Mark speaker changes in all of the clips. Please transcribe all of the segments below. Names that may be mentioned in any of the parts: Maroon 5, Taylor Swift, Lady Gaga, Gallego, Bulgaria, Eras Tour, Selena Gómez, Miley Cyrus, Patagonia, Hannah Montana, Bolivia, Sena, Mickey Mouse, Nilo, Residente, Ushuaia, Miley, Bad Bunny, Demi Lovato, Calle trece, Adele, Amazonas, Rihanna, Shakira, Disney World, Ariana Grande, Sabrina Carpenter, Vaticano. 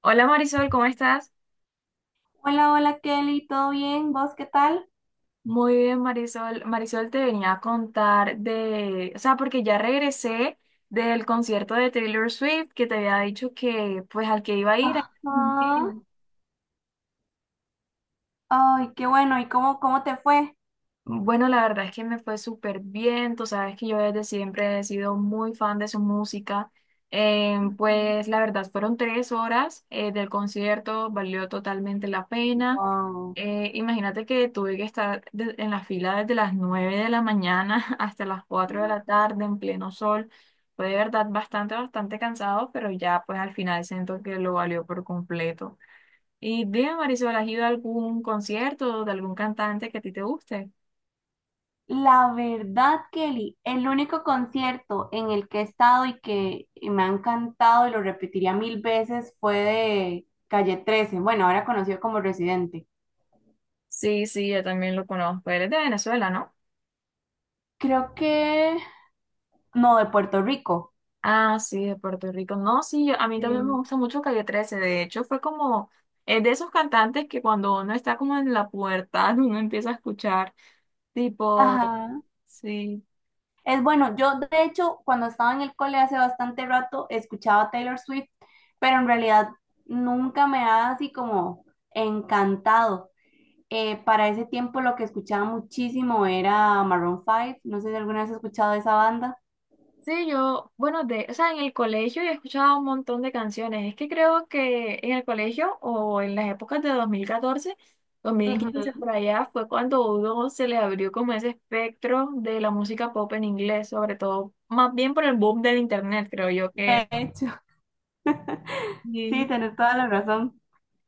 Speaker 1: Hola Marisol, ¿cómo estás?
Speaker 2: Hola, hola Kelly, ¿todo bien? ¿Vos qué tal?
Speaker 1: Muy bien, Marisol. Marisol te venía a contar de, o sea, porque ya regresé del concierto de Taylor Swift que te había dicho que pues al que iba a ir.
Speaker 2: Ajá. Ay, qué bueno. ¿Y cómo te fue?
Speaker 1: Bueno, la verdad es que me fue súper bien, tú sabes que yo desde siempre he sido muy fan de su música.
Speaker 2: Ujú.
Speaker 1: Pues la verdad fueron tres horas del concierto, valió totalmente la pena.
Speaker 2: Wow.
Speaker 1: Imagínate que tuve que estar en la fila desde las nueve de la mañana hasta las cuatro de la tarde en pleno sol, fue de verdad bastante, bastante cansado, pero ya pues al final siento que lo valió por completo. Y dime, Marisol, ¿has ido a algún concierto de algún cantante que a ti te guste?
Speaker 2: La verdad, Kelly, el único concierto en el que he estado y que me ha encantado y lo repetiría mil veces fue de Calle trece. Bueno, ahora conocido como Residente.
Speaker 1: Sí, sí, yo también lo conozco. Él es de Venezuela, ¿no?
Speaker 2: Creo que... No, de Puerto Rico.
Speaker 1: Ah, sí, de Puerto Rico. No, sí, a mí también me
Speaker 2: Sí.
Speaker 1: gusta mucho Calle trece. De hecho, fue es de esos cantantes que cuando uno está como en la pubertad, uno empieza a escuchar, tipo,
Speaker 2: Ajá.
Speaker 1: sí.
Speaker 2: Es bueno, yo de hecho cuando estaba en el cole hace bastante rato escuchaba Taylor Swift, pero en realidad nunca me ha así como encantado. Para ese tiempo lo que escuchaba muchísimo era Maroon 5, no sé si alguna vez has escuchado esa banda.
Speaker 1: Sí, bueno, o sea, en el colegio he escuchado un montón de canciones. Es que creo que en el colegio o en las épocas de dos mil catorce, dos mil quince,
Speaker 2: Ujú.
Speaker 1: por allá fue cuando a uno se le abrió como ese espectro de la música pop en inglés, sobre todo, más bien por el boom del internet, creo yo que
Speaker 2: De
Speaker 1: es.
Speaker 2: hecho, sí, tenés toda la razón.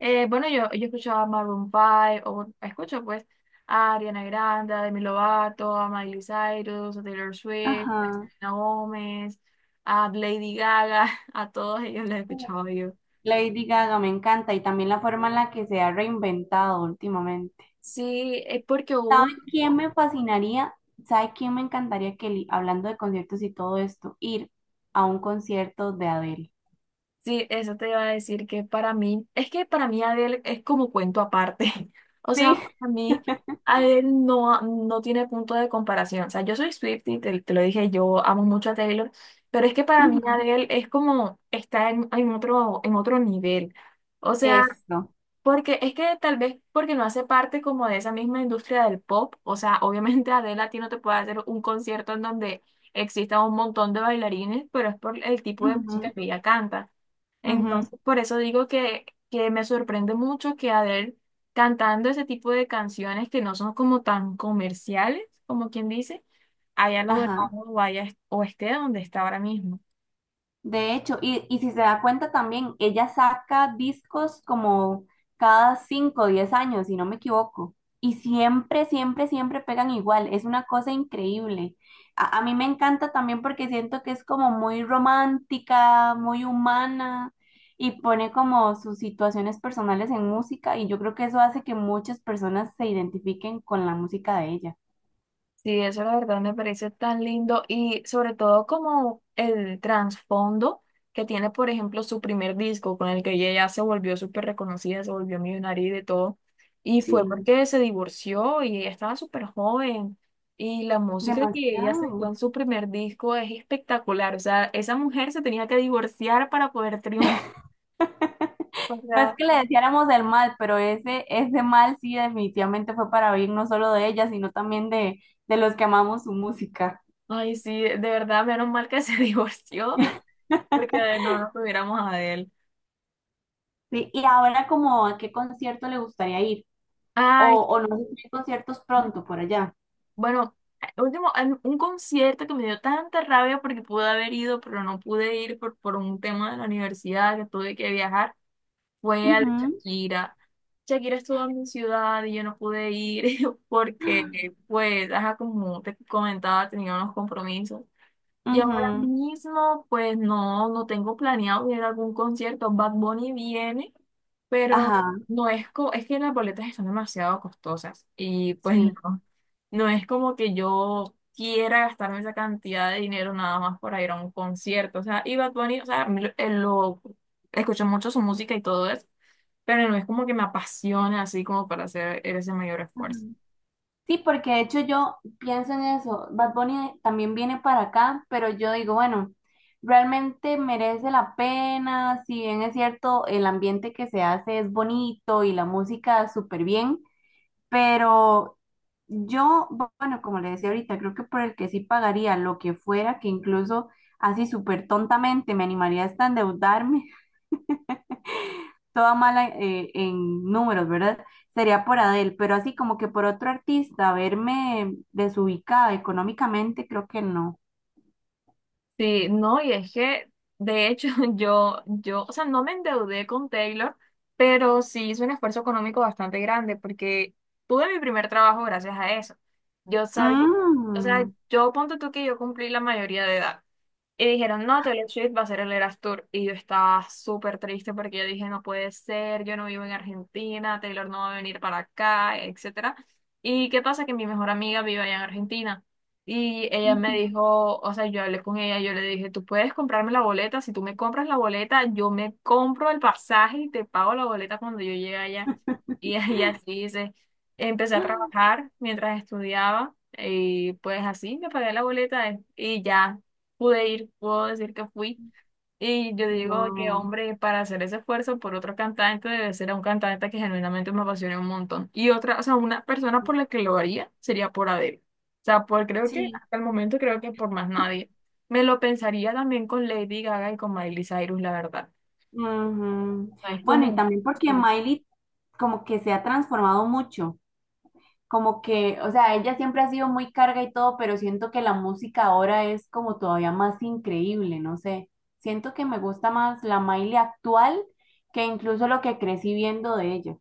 Speaker 1: Yo escuchaba a Maroon 5, o bueno, escucho pues a Ariana Grande, a Demi Lovato, a Miley Cyrus, a Taylor Swift, a
Speaker 2: Ajá.
Speaker 1: Selena Gómez, a Lady Gaga, a todos ellos los escuchaba yo.
Speaker 2: Lady Gaga me encanta y también la forma en la que se ha reinventado últimamente.
Speaker 1: Sí, es porque hubo
Speaker 2: ¿Sabe
Speaker 1: un tiempo.
Speaker 2: quién me fascinaría? ¿Sabe quién me encantaría, Kelly, hablando de conciertos y todo esto, ir a un concierto de Adele?
Speaker 1: Sí, eso te iba a decir que para mí, es que para mí Adele es como cuento aparte. O sea,
Speaker 2: Sí,
Speaker 1: para mí Adele no, no tiene punto de comparación. O sea, yo soy Swiftie, te lo dije, yo amo mucho a Taylor, pero es que para mí
Speaker 2: ujú.
Speaker 1: Adele es como está en otro nivel. O sea,
Speaker 2: Esto.
Speaker 1: porque es que tal vez porque no hace parte como de esa misma industria del pop. O sea, obviamente Adele a ti no te puede hacer un concierto en donde exista un montón de bailarines, pero es por el tipo de música
Speaker 2: Ujú,
Speaker 1: que ella canta.
Speaker 2: ujú,
Speaker 1: Entonces, por eso digo que me sorprende mucho que Adele cantando ese tipo de canciones que no son como tan comerciales, como quien dice, haya logrado
Speaker 2: ajá.
Speaker 1: o esté donde está ahora mismo.
Speaker 2: De hecho, y si se da cuenta también, ella saca discos como cada 5 o 10 años, si no me equivoco. Y siempre, siempre, siempre pegan igual. Es una cosa increíble. A mí me encanta también porque siento que es como muy romántica, muy humana y pone como sus situaciones personales en música y yo creo que eso hace que muchas personas se identifiquen con la música de ella.
Speaker 1: Sí, eso la verdad me parece tan lindo y sobre todo como el trasfondo que tiene, por ejemplo, su primer disco con el que ella ya se volvió súper reconocida, se volvió millonaria y de todo. Y fue
Speaker 2: Sí.
Speaker 1: porque se divorció y ella estaba súper joven. Y la música que ella sacó
Speaker 2: Demasiado.
Speaker 1: en su primer disco es espectacular. O sea, esa mujer se tenía que divorciar para poder triunfar. O
Speaker 2: No es
Speaker 1: sea,
Speaker 2: que le deseáramos el mal, pero ese mal sí definitivamente fue para bien, no solo de ella, sino también de los que amamos su música.
Speaker 1: ay, sí, de verdad, menos mal que se divorció porque no nos tuviéramos a él.
Speaker 2: Sí, y ahora como a qué concierto le gustaría ir,
Speaker 1: Ay.
Speaker 2: o no sé si hay conciertos pronto por allá.
Speaker 1: Bueno, un concierto que me dio tanta rabia porque pude haber ido, pero no pude ir por un tema de la universidad que tuve que viajar, fue al de
Speaker 2: Ujú,
Speaker 1: Shakira. Shakira estuvo en mi ciudad y yo no pude ir porque, pues, ajá, como te comentaba, tenía unos compromisos. Y ahora
Speaker 2: ujú,
Speaker 1: mismo, pues, no, no tengo planeado ir a algún concierto. Bad Bunny viene, pero
Speaker 2: ajá,
Speaker 1: no es, co- es que las boletas están demasiado costosas y pues
Speaker 2: sí.
Speaker 1: no. No es como que yo quiera gastarme esa cantidad de dinero nada más para ir a un concierto. O sea, y Bad Bunny, o sea, a mí lo, escucho mucho su música y todo eso, pero no es como que me apasiona así como para hacer ese mayor esfuerzo.
Speaker 2: Sí, porque de hecho yo pienso en eso. Bad Bunny también viene para acá, pero yo digo, bueno, realmente merece la pena, si bien es cierto, el ambiente que se hace es bonito y la música súper bien, pero yo, bueno, como le decía ahorita, creo que por el que sí pagaría lo que fuera, que incluso así súper tontamente me animaría hasta endeudarme toda mala en números, ¿verdad? Sería por Adele, pero así como que por otro artista, verme desubicada económicamente, creo que no.
Speaker 1: Sí, no, y de hecho, o sea, no me endeudé con Taylor, pero sí hice un esfuerzo económico bastante grande porque tuve mi primer trabajo gracias a eso. Yo sabía, o sea,
Speaker 2: Mm,
Speaker 1: yo ponte tú que yo cumplí la mayoría de edad. Y dijeron, no, Taylor Swift va a ser el Eras Tour. Y yo estaba súper triste porque yo dije, no puede ser, yo no vivo en Argentina, Taylor no va a venir para acá, etcétera. ¿Y qué pasa? Que mi mejor amiga vive allá en Argentina. Y ella me
Speaker 2: ujú,
Speaker 1: dijo, o sea, yo hablé con ella, yo le dije, tú puedes comprarme la boleta, si tú me compras la boleta, yo me compro el pasaje y te pago la boleta cuando yo llegue allá. Y ella así dice, empecé a trabajar mientras estudiaba y pues así me pagué la boleta y ya pude ir, puedo decir que fui. Y yo digo que,
Speaker 2: wow,
Speaker 1: hombre, para hacer ese esfuerzo por otro cantante debe ser un cantante que genuinamente me apasione un montón. Y otra, o sea, una persona por la que lo haría sería por Adele. O sea, creo que
Speaker 2: sí.
Speaker 1: hasta el momento creo que por más nadie. Me lo pensaría también con Lady Gaga y con Miley Cyrus, la verdad.
Speaker 2: Ujú.
Speaker 1: O sea, es
Speaker 2: Bueno, y
Speaker 1: como...
Speaker 2: también porque Miley como que se ha transformado mucho. Como que, o sea, ella siempre ha sido muy carga y todo, pero siento que la música ahora es como todavía más increíble, no sé. Siento que me gusta más la Miley actual que incluso lo que crecí viendo de ella.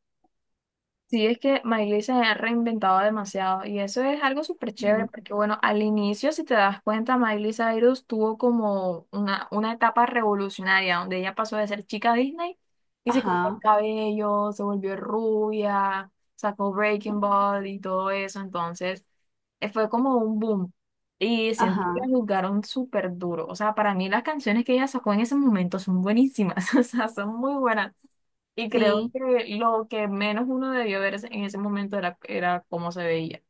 Speaker 1: Sí, es que Miley se ha reinventado demasiado y eso es algo súper chévere
Speaker 2: Ujú.
Speaker 1: porque bueno, al inicio, si te das cuenta, Miley Cyrus tuvo como una etapa revolucionaria donde ella pasó de ser chica Disney y se cortó el
Speaker 2: Ajá,
Speaker 1: cabello, se volvió rubia, sacó Breaking
Speaker 2: ujú,
Speaker 1: Bad y todo eso, entonces fue como un boom y siento que
Speaker 2: ajá,
Speaker 1: la juzgaron súper duro, o sea, para mí las canciones que ella sacó en ese momento son buenísimas, o sea, son muy buenas. Y creo
Speaker 2: sí.
Speaker 1: que lo que menos uno debió ver en ese momento era cómo se veía.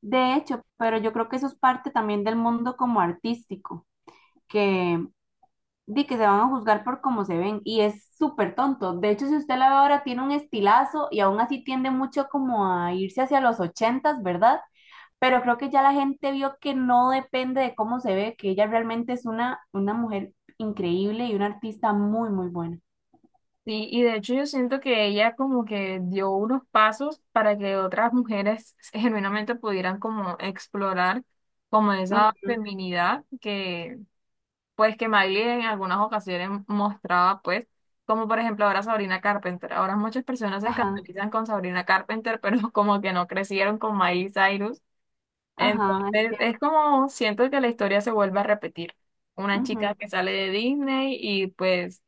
Speaker 2: De hecho, pero yo creo que eso es parte también del mundo como artístico, que di que se van a juzgar por cómo se ven y es súper tonto. De hecho, si usted la ve ahora tiene un estilazo y aún así tiende mucho como a irse hacia los ochentas, ¿verdad? Pero creo que ya la gente vio que no depende de cómo se ve, que ella realmente es una mujer increíble y una artista muy buena.
Speaker 1: Sí, y de hecho yo siento que ella como que dio unos pasos para que otras mujeres genuinamente pudieran como explorar como esa
Speaker 2: Ujú.
Speaker 1: feminidad que pues que Miley en algunas ocasiones mostraba pues, como por ejemplo ahora Sabrina Carpenter. Ahora muchas personas se
Speaker 2: Ajá,
Speaker 1: escandalizan con Sabrina Carpenter, pero como que no crecieron con Miley Cyrus.
Speaker 2: ajá, es
Speaker 1: Entonces,
Speaker 2: cierto.
Speaker 1: es como siento que la historia se vuelve a repetir. Una chica
Speaker 2: Ujú,
Speaker 1: que sale de Disney y pues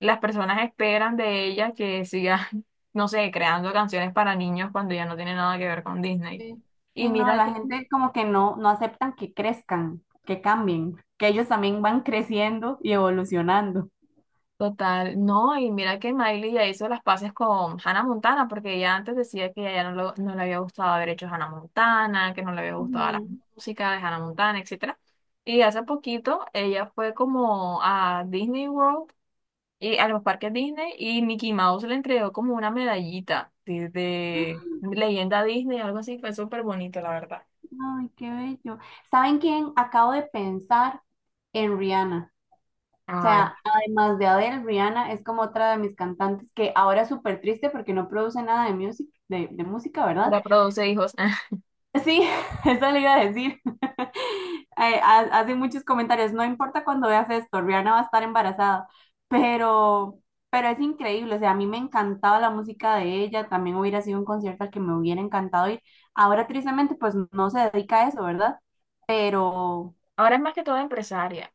Speaker 1: las personas esperan de ella que siga, no sé, creando canciones para niños cuando ya no tiene nada que ver con Disney.
Speaker 2: sí.
Speaker 1: Y
Speaker 2: Sí, no,
Speaker 1: mira que,
Speaker 2: la gente como que no, no aceptan que crezcan, que cambien, que ellos también van creciendo y evolucionando.
Speaker 1: total, no, y mira que Miley ya hizo las paces con Hannah Montana, porque ella antes decía que a ella no, no le había gustado haber hecho Hannah Montana, que no le había gustado la
Speaker 2: Ujú.
Speaker 1: música de Hannah Montana, etcétera. Y hace poquito ella fue como a Disney World a los parques Disney y Mickey Mouse le entregó como una medallita sí, de leyenda Disney, algo así, fue súper bonito, la verdad.
Speaker 2: Ay, qué bello. ¿Saben quién? Acabo de pensar en Rihanna. O
Speaker 1: Ay,
Speaker 2: sea, además de Adele, Rihanna es como otra de mis cantantes que ahora es súper triste porque no produce nada de, music, de música, ¿verdad?
Speaker 1: para produce hijos.
Speaker 2: Sí, eso le iba a decir. Hace muchos comentarios, no importa cuando veas esto, Rihanna va a estar embarazada, pero, pero es increíble, o sea, a mí me encantaba la música de ella, también hubiera sido un concierto al que me hubiera encantado ir. Ahora tristemente pues no se dedica a eso, ¿verdad? Pero...
Speaker 1: Ahora es más que todo empresaria.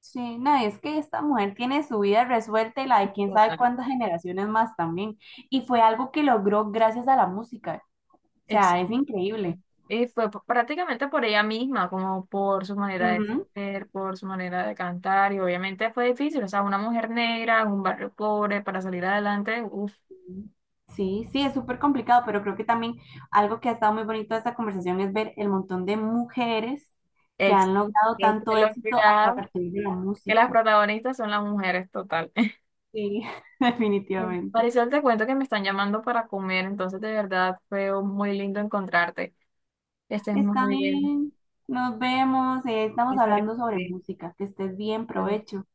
Speaker 2: Sí, no, es que esta mujer tiene su vida resuelta y la de quién sabe
Speaker 1: Total.
Speaker 2: cuántas generaciones más también. Y fue algo que logró gracias a la música. O
Speaker 1: Ex-
Speaker 2: sea, es increíble.
Speaker 1: Y fue prácticamente por ella misma, como por su manera de
Speaker 2: Ujú.
Speaker 1: ser, por su manera de cantar, y obviamente fue difícil, o sea, una mujer negra en un barrio pobre para salir adelante, uff,
Speaker 2: Sí, sí, es súper complicado, pero creo que también algo que ha estado muy bonito de esta conversación es ver el montón de mujeres que
Speaker 1: ex,
Speaker 2: han logrado
Speaker 1: es
Speaker 2: tanto
Speaker 1: que lo
Speaker 2: éxito a partir de la
Speaker 1: que las
Speaker 2: música.
Speaker 1: protagonistas son las mujeres, total.
Speaker 2: Sí, definitivamente.
Speaker 1: Marisol, te cuento que me están llamando para comer, entonces de verdad fue muy lindo encontrarte. Estés
Speaker 2: Está
Speaker 1: muy bien.
Speaker 2: bien, nos vemos, estamos
Speaker 1: Muchas
Speaker 2: hablando sobre
Speaker 1: gracias.
Speaker 2: música. Que estés bien,
Speaker 1: Vale.
Speaker 2: provecho.